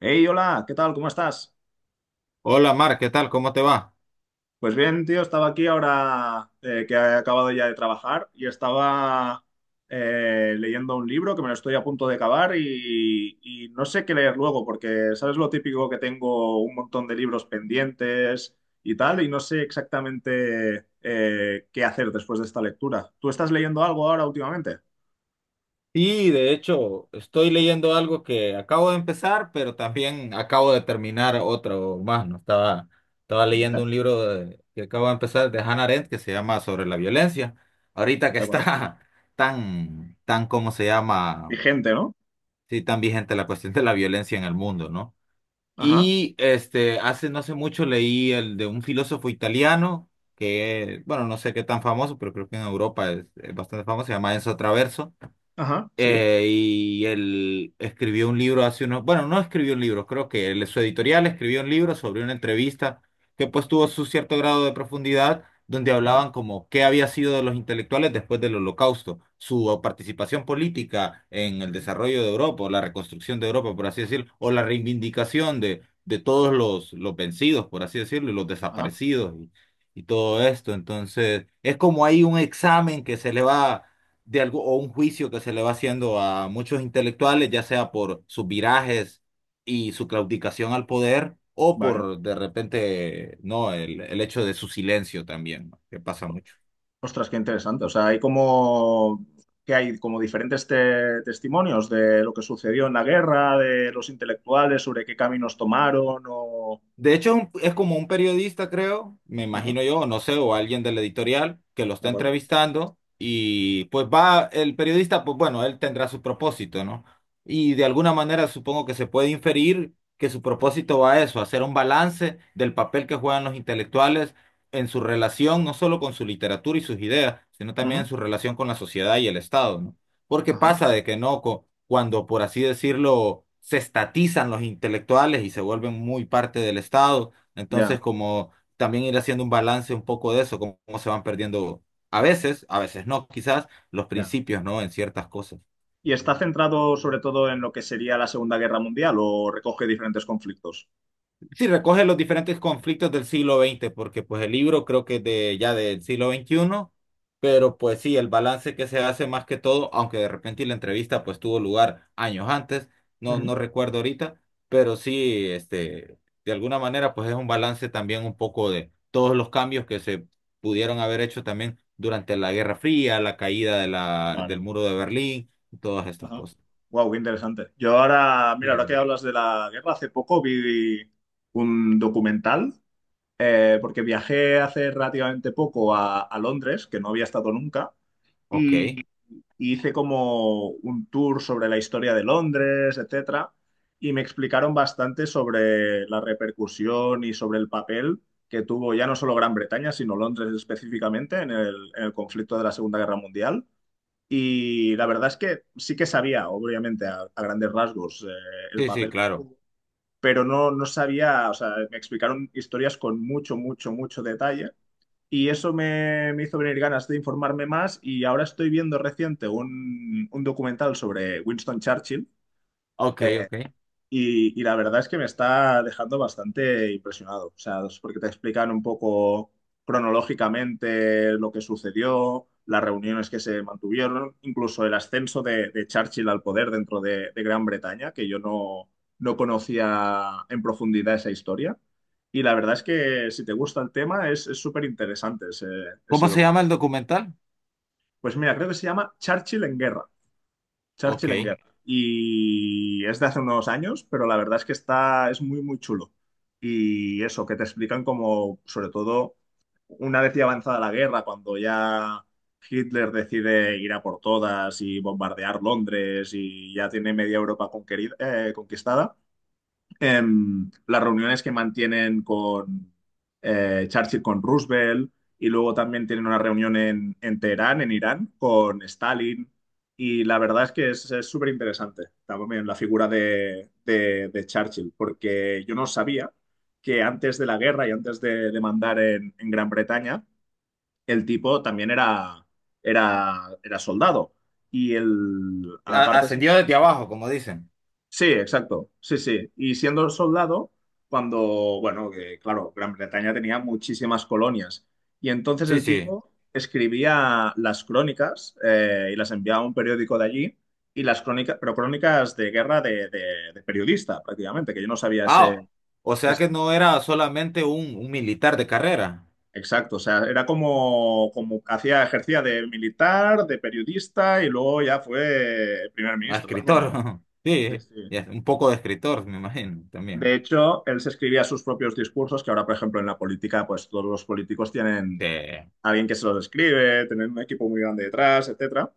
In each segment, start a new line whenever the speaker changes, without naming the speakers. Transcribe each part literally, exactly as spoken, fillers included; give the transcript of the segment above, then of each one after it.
Hey, hola, ¿qué tal? ¿Cómo estás?
Hola Mar, ¿qué tal? ¿Cómo te va?
Pues bien, tío, estaba aquí ahora eh, que he acabado ya de trabajar y estaba eh, leyendo un libro que me lo estoy a punto de acabar y, y no sé qué leer luego porque, ¿sabes lo típico que tengo un montón de libros pendientes y tal? Y no sé exactamente eh, qué hacer después de esta lectura. ¿Tú estás leyendo algo ahora últimamente?
Y de hecho, estoy leyendo algo que acabo de empezar, pero también acabo de terminar otro más, ¿no? Estaba, estaba leyendo
Vale,
un libro de- que acabo de empezar de Hannah Arendt que se llama Sobre la violencia. Ahorita que
de acuerdo.
está tan, tan, ¿cómo se llama?
Vigente, ¿no?
Sí, tan vigente la cuestión de la violencia en el mundo, ¿no?
Ajá,
Y este, hace no hace mucho leí el de un filósofo italiano que, bueno, no sé qué tan famoso, pero creo que en Europa es, es bastante famoso, se llama Enzo Traverso.
ajá, sí.
Eh, y él escribió un libro hace unos, bueno, no escribió un libro, creo que él- su editorial escribió un libro sobre una entrevista que pues tuvo su cierto grado de profundidad, donde
Ajá,
hablaban como qué había sido de los intelectuales después del Holocausto, su participación política en el
ujú,
desarrollo de Europa, o la reconstrucción de Europa, por así decirlo, o la reivindicación de, de todos los, los vencidos, por así decirlo, y los
ajá,
desaparecidos y, y todo esto. Entonces, es como hay un examen que se le va de algo, o un juicio que se le va haciendo a muchos intelectuales, ya sea por sus virajes y su claudicación al poder, o
vale.
por de repente, no, el, el hecho de su silencio también, ¿no? Que pasa mucho.
Ostras, qué interesante. O sea, hay como que hay como diferentes te- testimonios de lo que sucedió en la guerra, de los intelectuales, sobre qué caminos tomaron o...
De hecho, es, un- es como un periodista, creo, me
Ajá,
imagino yo, no sé, o alguien del editorial que lo
de
está
acuerdo.
entrevistando y pues va el periodista, pues bueno, él tendrá su propósito, ¿no? Y de alguna manera supongo que se puede inferir que su propósito va a eso, hacer un balance del papel que juegan los intelectuales en su relación, no solo con su literatura y sus ideas, sino también
Ujú,
en su relación con la sociedad y el Estado, ¿no? Porque
ajá.
pasa de que no, cu- cuando por así decirlo, se estatizan los intelectuales y se vuelven muy parte del Estado, entonces
Ya,
como también ir haciendo un balance un poco de eso, cómo, cómo se van perdiendo a veces, a veces no, quizás los
ya.
principios, ¿no? En ciertas cosas.
¿Y está centrado sobre todo en lo que sería la Segunda Guerra Mundial o recoge diferentes conflictos?
Sí, recoge los diferentes conflictos del siglo veinte, porque pues el libro creo que es de ya del siglo veintiuno, pero pues sí, el balance que se hace más que todo, aunque de repente la entrevista pues tuvo lugar años antes, no,
Ujú.
no recuerdo ahorita, pero sí, este, de alguna manera pues es un balance también un poco de todos los cambios que se pudieron haber hecho también durante la Guerra Fría, la caída de la,
Vale.
del muro de Berlín, y todas estas
Ajá.
cosas.
Wow, qué interesante. Yo ahora, mira, ahora que
Bien.
hablas de la guerra, hace poco vi un documental eh, porque viajé hace relativamente poco a, a Londres, que no había estado nunca,
Ok,
y,
sí,
y hice como un tour sobre la historia de Londres, etcétera, y me explicaron bastante sobre la repercusión y sobre el papel que tuvo ya no solo Gran Bretaña, sino Londres específicamente en el, en el conflicto de la Segunda Guerra Mundial. Y la verdad es que sí que sabía, obviamente, a, a grandes rasgos, eh, el
sí,
papel que
claro.
tuvo, pero no, no sabía, o sea, me explicaron historias con mucho, mucho, mucho detalle. Y eso me, me hizo venir ganas de informarme más y ahora estoy viendo reciente un, un documental sobre Winston Churchill,
Ok,
eh,
ok.
y, y la verdad es que me está dejando bastante impresionado, o sea, es porque te explican un poco cronológicamente lo que sucedió, las reuniones que se mantuvieron, incluso el ascenso de, de Churchill al poder dentro de, de Gran Bretaña, que yo no, no conocía en profundidad esa historia. Y la verdad es que si te gusta el tema es es súper interesante ese, ese
¿Cómo se
docu.
llama el documental?
Pues mira, creo que se llama Churchill en guerra. Churchill en
Ok.
guerra. Y es de hace unos años, pero la verdad es que está, es muy, muy chulo. Y eso, que te explican como, sobre todo, una vez ya avanzada la guerra, cuando ya Hitler decide ir a por todas y bombardear Londres y ya tiene media Europa conquerida- eh, conquistada, em, las reuniones que mantienen con eh, Churchill, con Roosevelt, y luego también tienen una reunión en, en Teherán, en Irán, con Stalin. Y la verdad es que es es súper interesante también la figura de, de- de Churchill, porque yo no sabía que antes de la guerra y antes de, de mandar en, en Gran Bretaña, el tipo también era, era, era soldado. Y el,
A-
aparte,
ascendió desde abajo, como dicen.
sí, exacto. Sí, sí. Y siendo soldado, cuando, bueno, que claro, Gran Bretaña tenía muchísimas colonias. Y entonces
Sí,
el
sí.
tipo escribía las crónicas eh, y las enviaba a un periódico de allí. Y las crónicas, pero crónicas de guerra de, de- de periodista, prácticamente, que yo no sabía
Ah,
ese.
o sea que
esa-
no era solamente un, un militar de carrera,
Exacto. O sea, era como, como hacía, ejercía de militar, de periodista y luego ya fue primer
a
ministro también.
escritor.
O sea, sí,
Sí,
sí.
y es un poco de escritor, me imagino,
De
también.
hecho, él se escribía sus propios discursos, que ahora, por ejemplo, en la política, pues todos los políticos
Sí,
tienen alguien que se los escribe, tienen un equipo muy grande detrás, etcétera.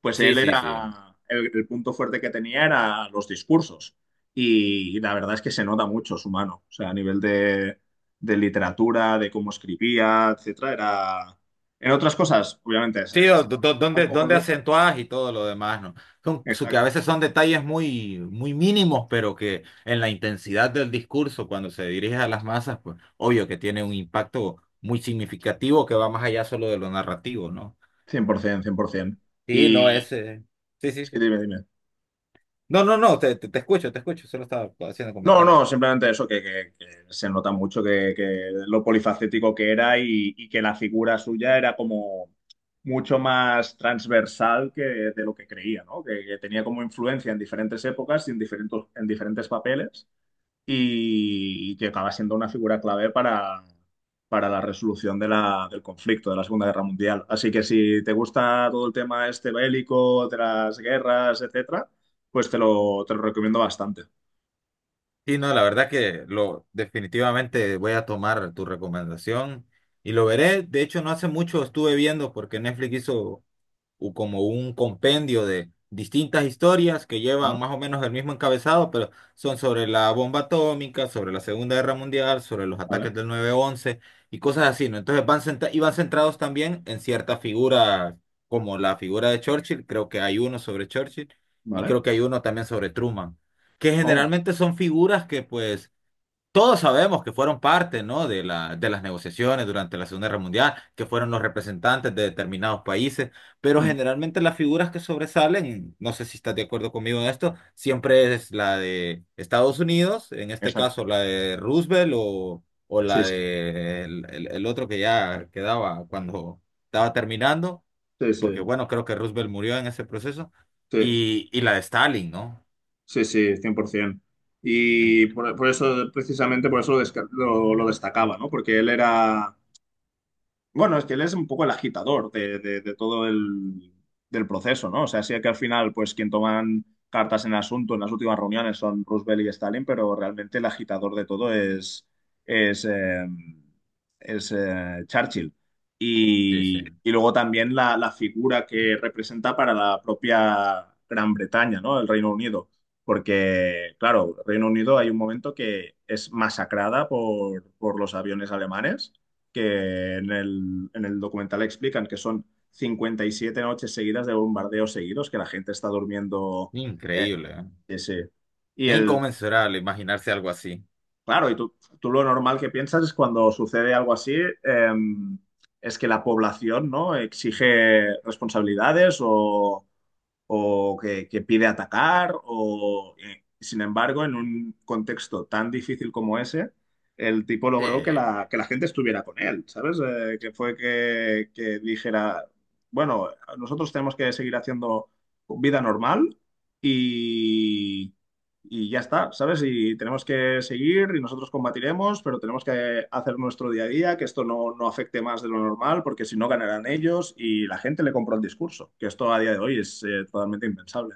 Pues
sí,
él
sí. Sí,
era, el, el punto fuerte que tenía era los discursos. Y la verdad es que se nota mucho su mano. O sea, a nivel de, de literatura, de cómo escribía, etcétera, era... En otras cosas, obviamente, se-
Sí, do-
está
do-
un
donde,
poco
donde
loco.
acentuás y todo lo demás, ¿no? Son- su- que a
Exacto. Cien
veces son detalles muy, muy mínimos, pero que en la intensidad del discurso, cuando se dirige a las masas, pues obvio que tiene un impacto muy significativo que va más allá solo de lo narrativo, ¿no?
cien, por ciento, cien por cien por ciento.
Sí, no
Y...
es. eh, Sí, sí,
Sí,
sí.
dime, dime.
No, no, no, te, te, te escucho, te escucho, solo estaba haciendo
No,
comentarios.
no, simplemente eso, que, que- que se nota mucho que, que lo polifacético que era, y, y que la figura suya era como mucho más transversal que de lo que creía, ¿no? Que, que tenía como influencia en diferentes épocas y en diferentes, en diferentes papeles y, y que acaba siendo una figura clave para, para la resolución de la, del conflicto de la Segunda Guerra Mundial. Así que si te gusta todo el tema este bélico, de las guerras, etcétera, pues te lo, te lo recomiendo bastante.
Sí, no, la verdad que lo definitivamente voy a tomar tu recomendación y lo veré. De hecho, no hace mucho estuve viendo porque Netflix hizo u- como un compendio de distintas historias que llevan
Ajá,
más o menos el mismo encabezado, pero son sobre la bomba atómica, sobre la Segunda Guerra Mundial, sobre los
¿vale?
ataques del nueve once y cosas así, ¿no? Entonces van centra- y van centrados también en ciertas figuras, como la figura de Churchill, creo que hay uno sobre Churchill y
¿Vale?
creo que hay uno también sobre Truman, que
Oh.
generalmente son figuras que pues todos sabemos que fueron parte, ¿no? de la- de las negociaciones durante la Segunda Guerra Mundial, que fueron los representantes de determinados países, pero
Mm.
generalmente las figuras que sobresalen, no sé si estás de acuerdo conmigo en esto, siempre es la de Estados Unidos, en este
Exacto.
caso la de Roosevelt o, o la
Sí, sí.
de el, el- el otro que ya quedaba cuando estaba terminando,
Sí,
porque
sí.
bueno, creo que Roosevelt murió en ese proceso,
Sí,
y, y la de Stalin, ¿no?
sí, sí, cien por ciento.
En-
Y por, por eso, precisamente por eso lo, desca- lo- lo destacaba, ¿no? Porque él era. Bueno, es que él es un poco el agitador de, de- de todo el del proceso, ¿no? O sea, sí que al final, pues quien toman cartas en el asunto en las últimas reuniones son Roosevelt y Stalin, pero realmente el agitador de todo es, es, eh, es eh, Churchill.
Sí,
Y,
sí,
y luego también la, la figura que representa para la propia Gran Bretaña, ¿no? El Reino Unido. Porque, claro, Reino Unido hay un momento que es masacrada por, por los aviones alemanes que en el, en el documental explican que son cincuenta y siete noches seguidas de bombardeos seguidos, que la gente está durmiendo. eh,
increíble, ¿eh?
sí, sí. Y
Es
el,
inconmensurable imaginarse algo así.
claro, y tú, tú lo normal que piensas es cuando sucede algo así, eh, es que la población, ¿no? Exige responsabilidades o, o que, que pide atacar, o eh, sin embargo, en un contexto tan difícil como ese, el tipo
Sí.
logró que la, que la gente estuviera con él, ¿sabes? Eh, que fue que, que dijera, bueno, nosotros tenemos que seguir haciendo vida normal y y ya está, ¿sabes? Y tenemos que seguir y nosotros combatiremos, pero tenemos que hacer nuestro día a día, que esto no, no afecte más de lo normal, porque si no ganarán ellos y la gente le compró el discurso, que esto a día de hoy es eh, totalmente impensable.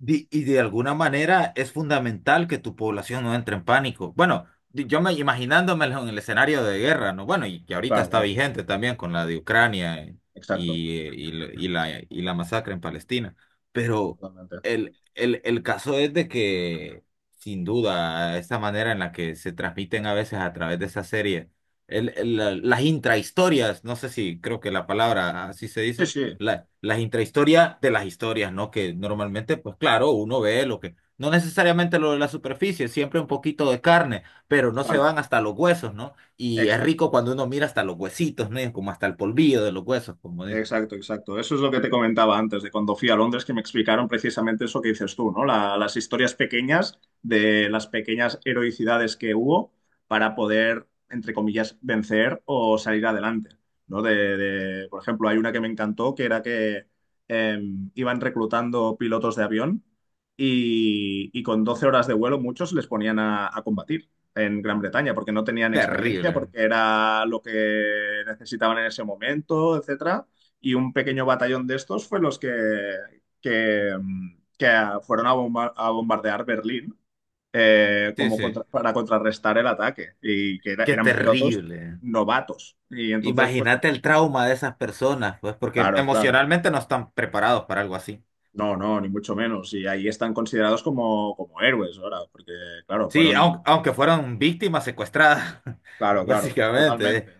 Di- Y de alguna manera es fundamental que tu población no entre en pánico. Bueno, di- yo me imaginándomelo en el escenario de guerra, ¿no? Bueno, y que ahorita
Claro,
está
claro,
vigente también con la de Ucrania eh,
exacto,
y, y la, y la y la masacre en Palestina. Pero
totalmente.
el, el, el caso es de que, sin duda, esta manera en la que se transmiten a veces a través de esa serie, el, el- la- las intrahistorias, no sé si creo que la palabra así se
Sí,
dice
sí,
la, las intrahistorias de las historias, ¿no? Que normalmente, pues claro, uno ve lo que, no necesariamente lo de la superficie, siempre un poquito de carne, pero no se
claro,
van hasta los huesos, ¿no? Y es
exacto.
rico cuando uno mira hasta los huesitos, ¿no? Como hasta el polvillo de los huesos, como dicen.
Exacto, exacto. Eso es lo que te comentaba antes, de cuando fui a Londres, que me explicaron precisamente eso que dices tú, ¿no? La- las historias pequeñas de las pequeñas heroicidades que hubo para poder, entre comillas, vencer o salir adelante, ¿no? De, de- por ejemplo, hay una que me encantó, que era que eh, iban reclutando pilotos de avión y, y con doce horas de vuelo muchos les ponían a, a combatir en Gran Bretaña, porque no tenían experiencia,
Terrible.
porque era lo que necesitaban en ese momento, etcétera, y un pequeño batallón de estos fue los que, que, que fueron a, bomba- a bombardear Berlín, eh,
Sí,
como
sí.
contra- para contrarrestar el ataque y que era-
Qué
eran pilotos
terrible.
novatos. Y entonces, pues,
Imagínate el trauma de esas personas, pues, porque
claro, claro.
emocionalmente no están preparados para algo así.
No, no, ni mucho menos. Y ahí están considerados como, como héroes ahora, porque, claro,
Sí,
fueron...
aun- aunque fueron víctimas secuestradas,
Claro, claro, totalmente,
básicamente.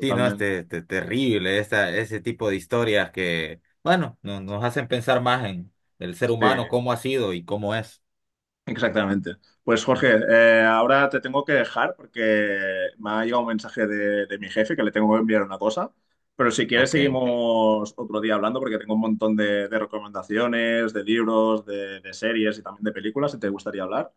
Sí, no, este, este, terrible, esa, ese tipo de historias que, bueno, no- nos hacen pensar más en el ser
Sí.
humano, cómo ha sido y cómo es.
Exactamente. Pues Jorge, eh, ahora te tengo que dejar porque me ha llegado un mensaje de, de mi jefe que le tengo que enviar una cosa, pero si quieres
Ok,
seguimos otro día hablando porque tengo un montón de, de recomendaciones, de libros, de, de series y también de películas si te gustaría hablar.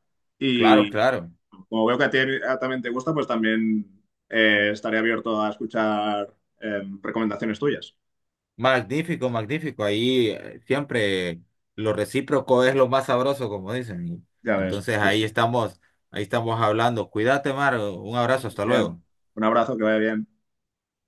claro,
Y
claro.
como veo que a ti a- también te gusta, pues también eh, estaré abierto a escuchar eh, recomendaciones tuyas.
Magnífico, magnífico. Ahí eh, siempre lo recíproco es lo más sabroso, como dicen. Y
Ya ves,
entonces
sí,
ahí
sí.
estamos, ahí estamos hablando. Cuídate, Mar. Un abrazo, hasta
cien por ciento.
luego.
Un abrazo, que vaya bien.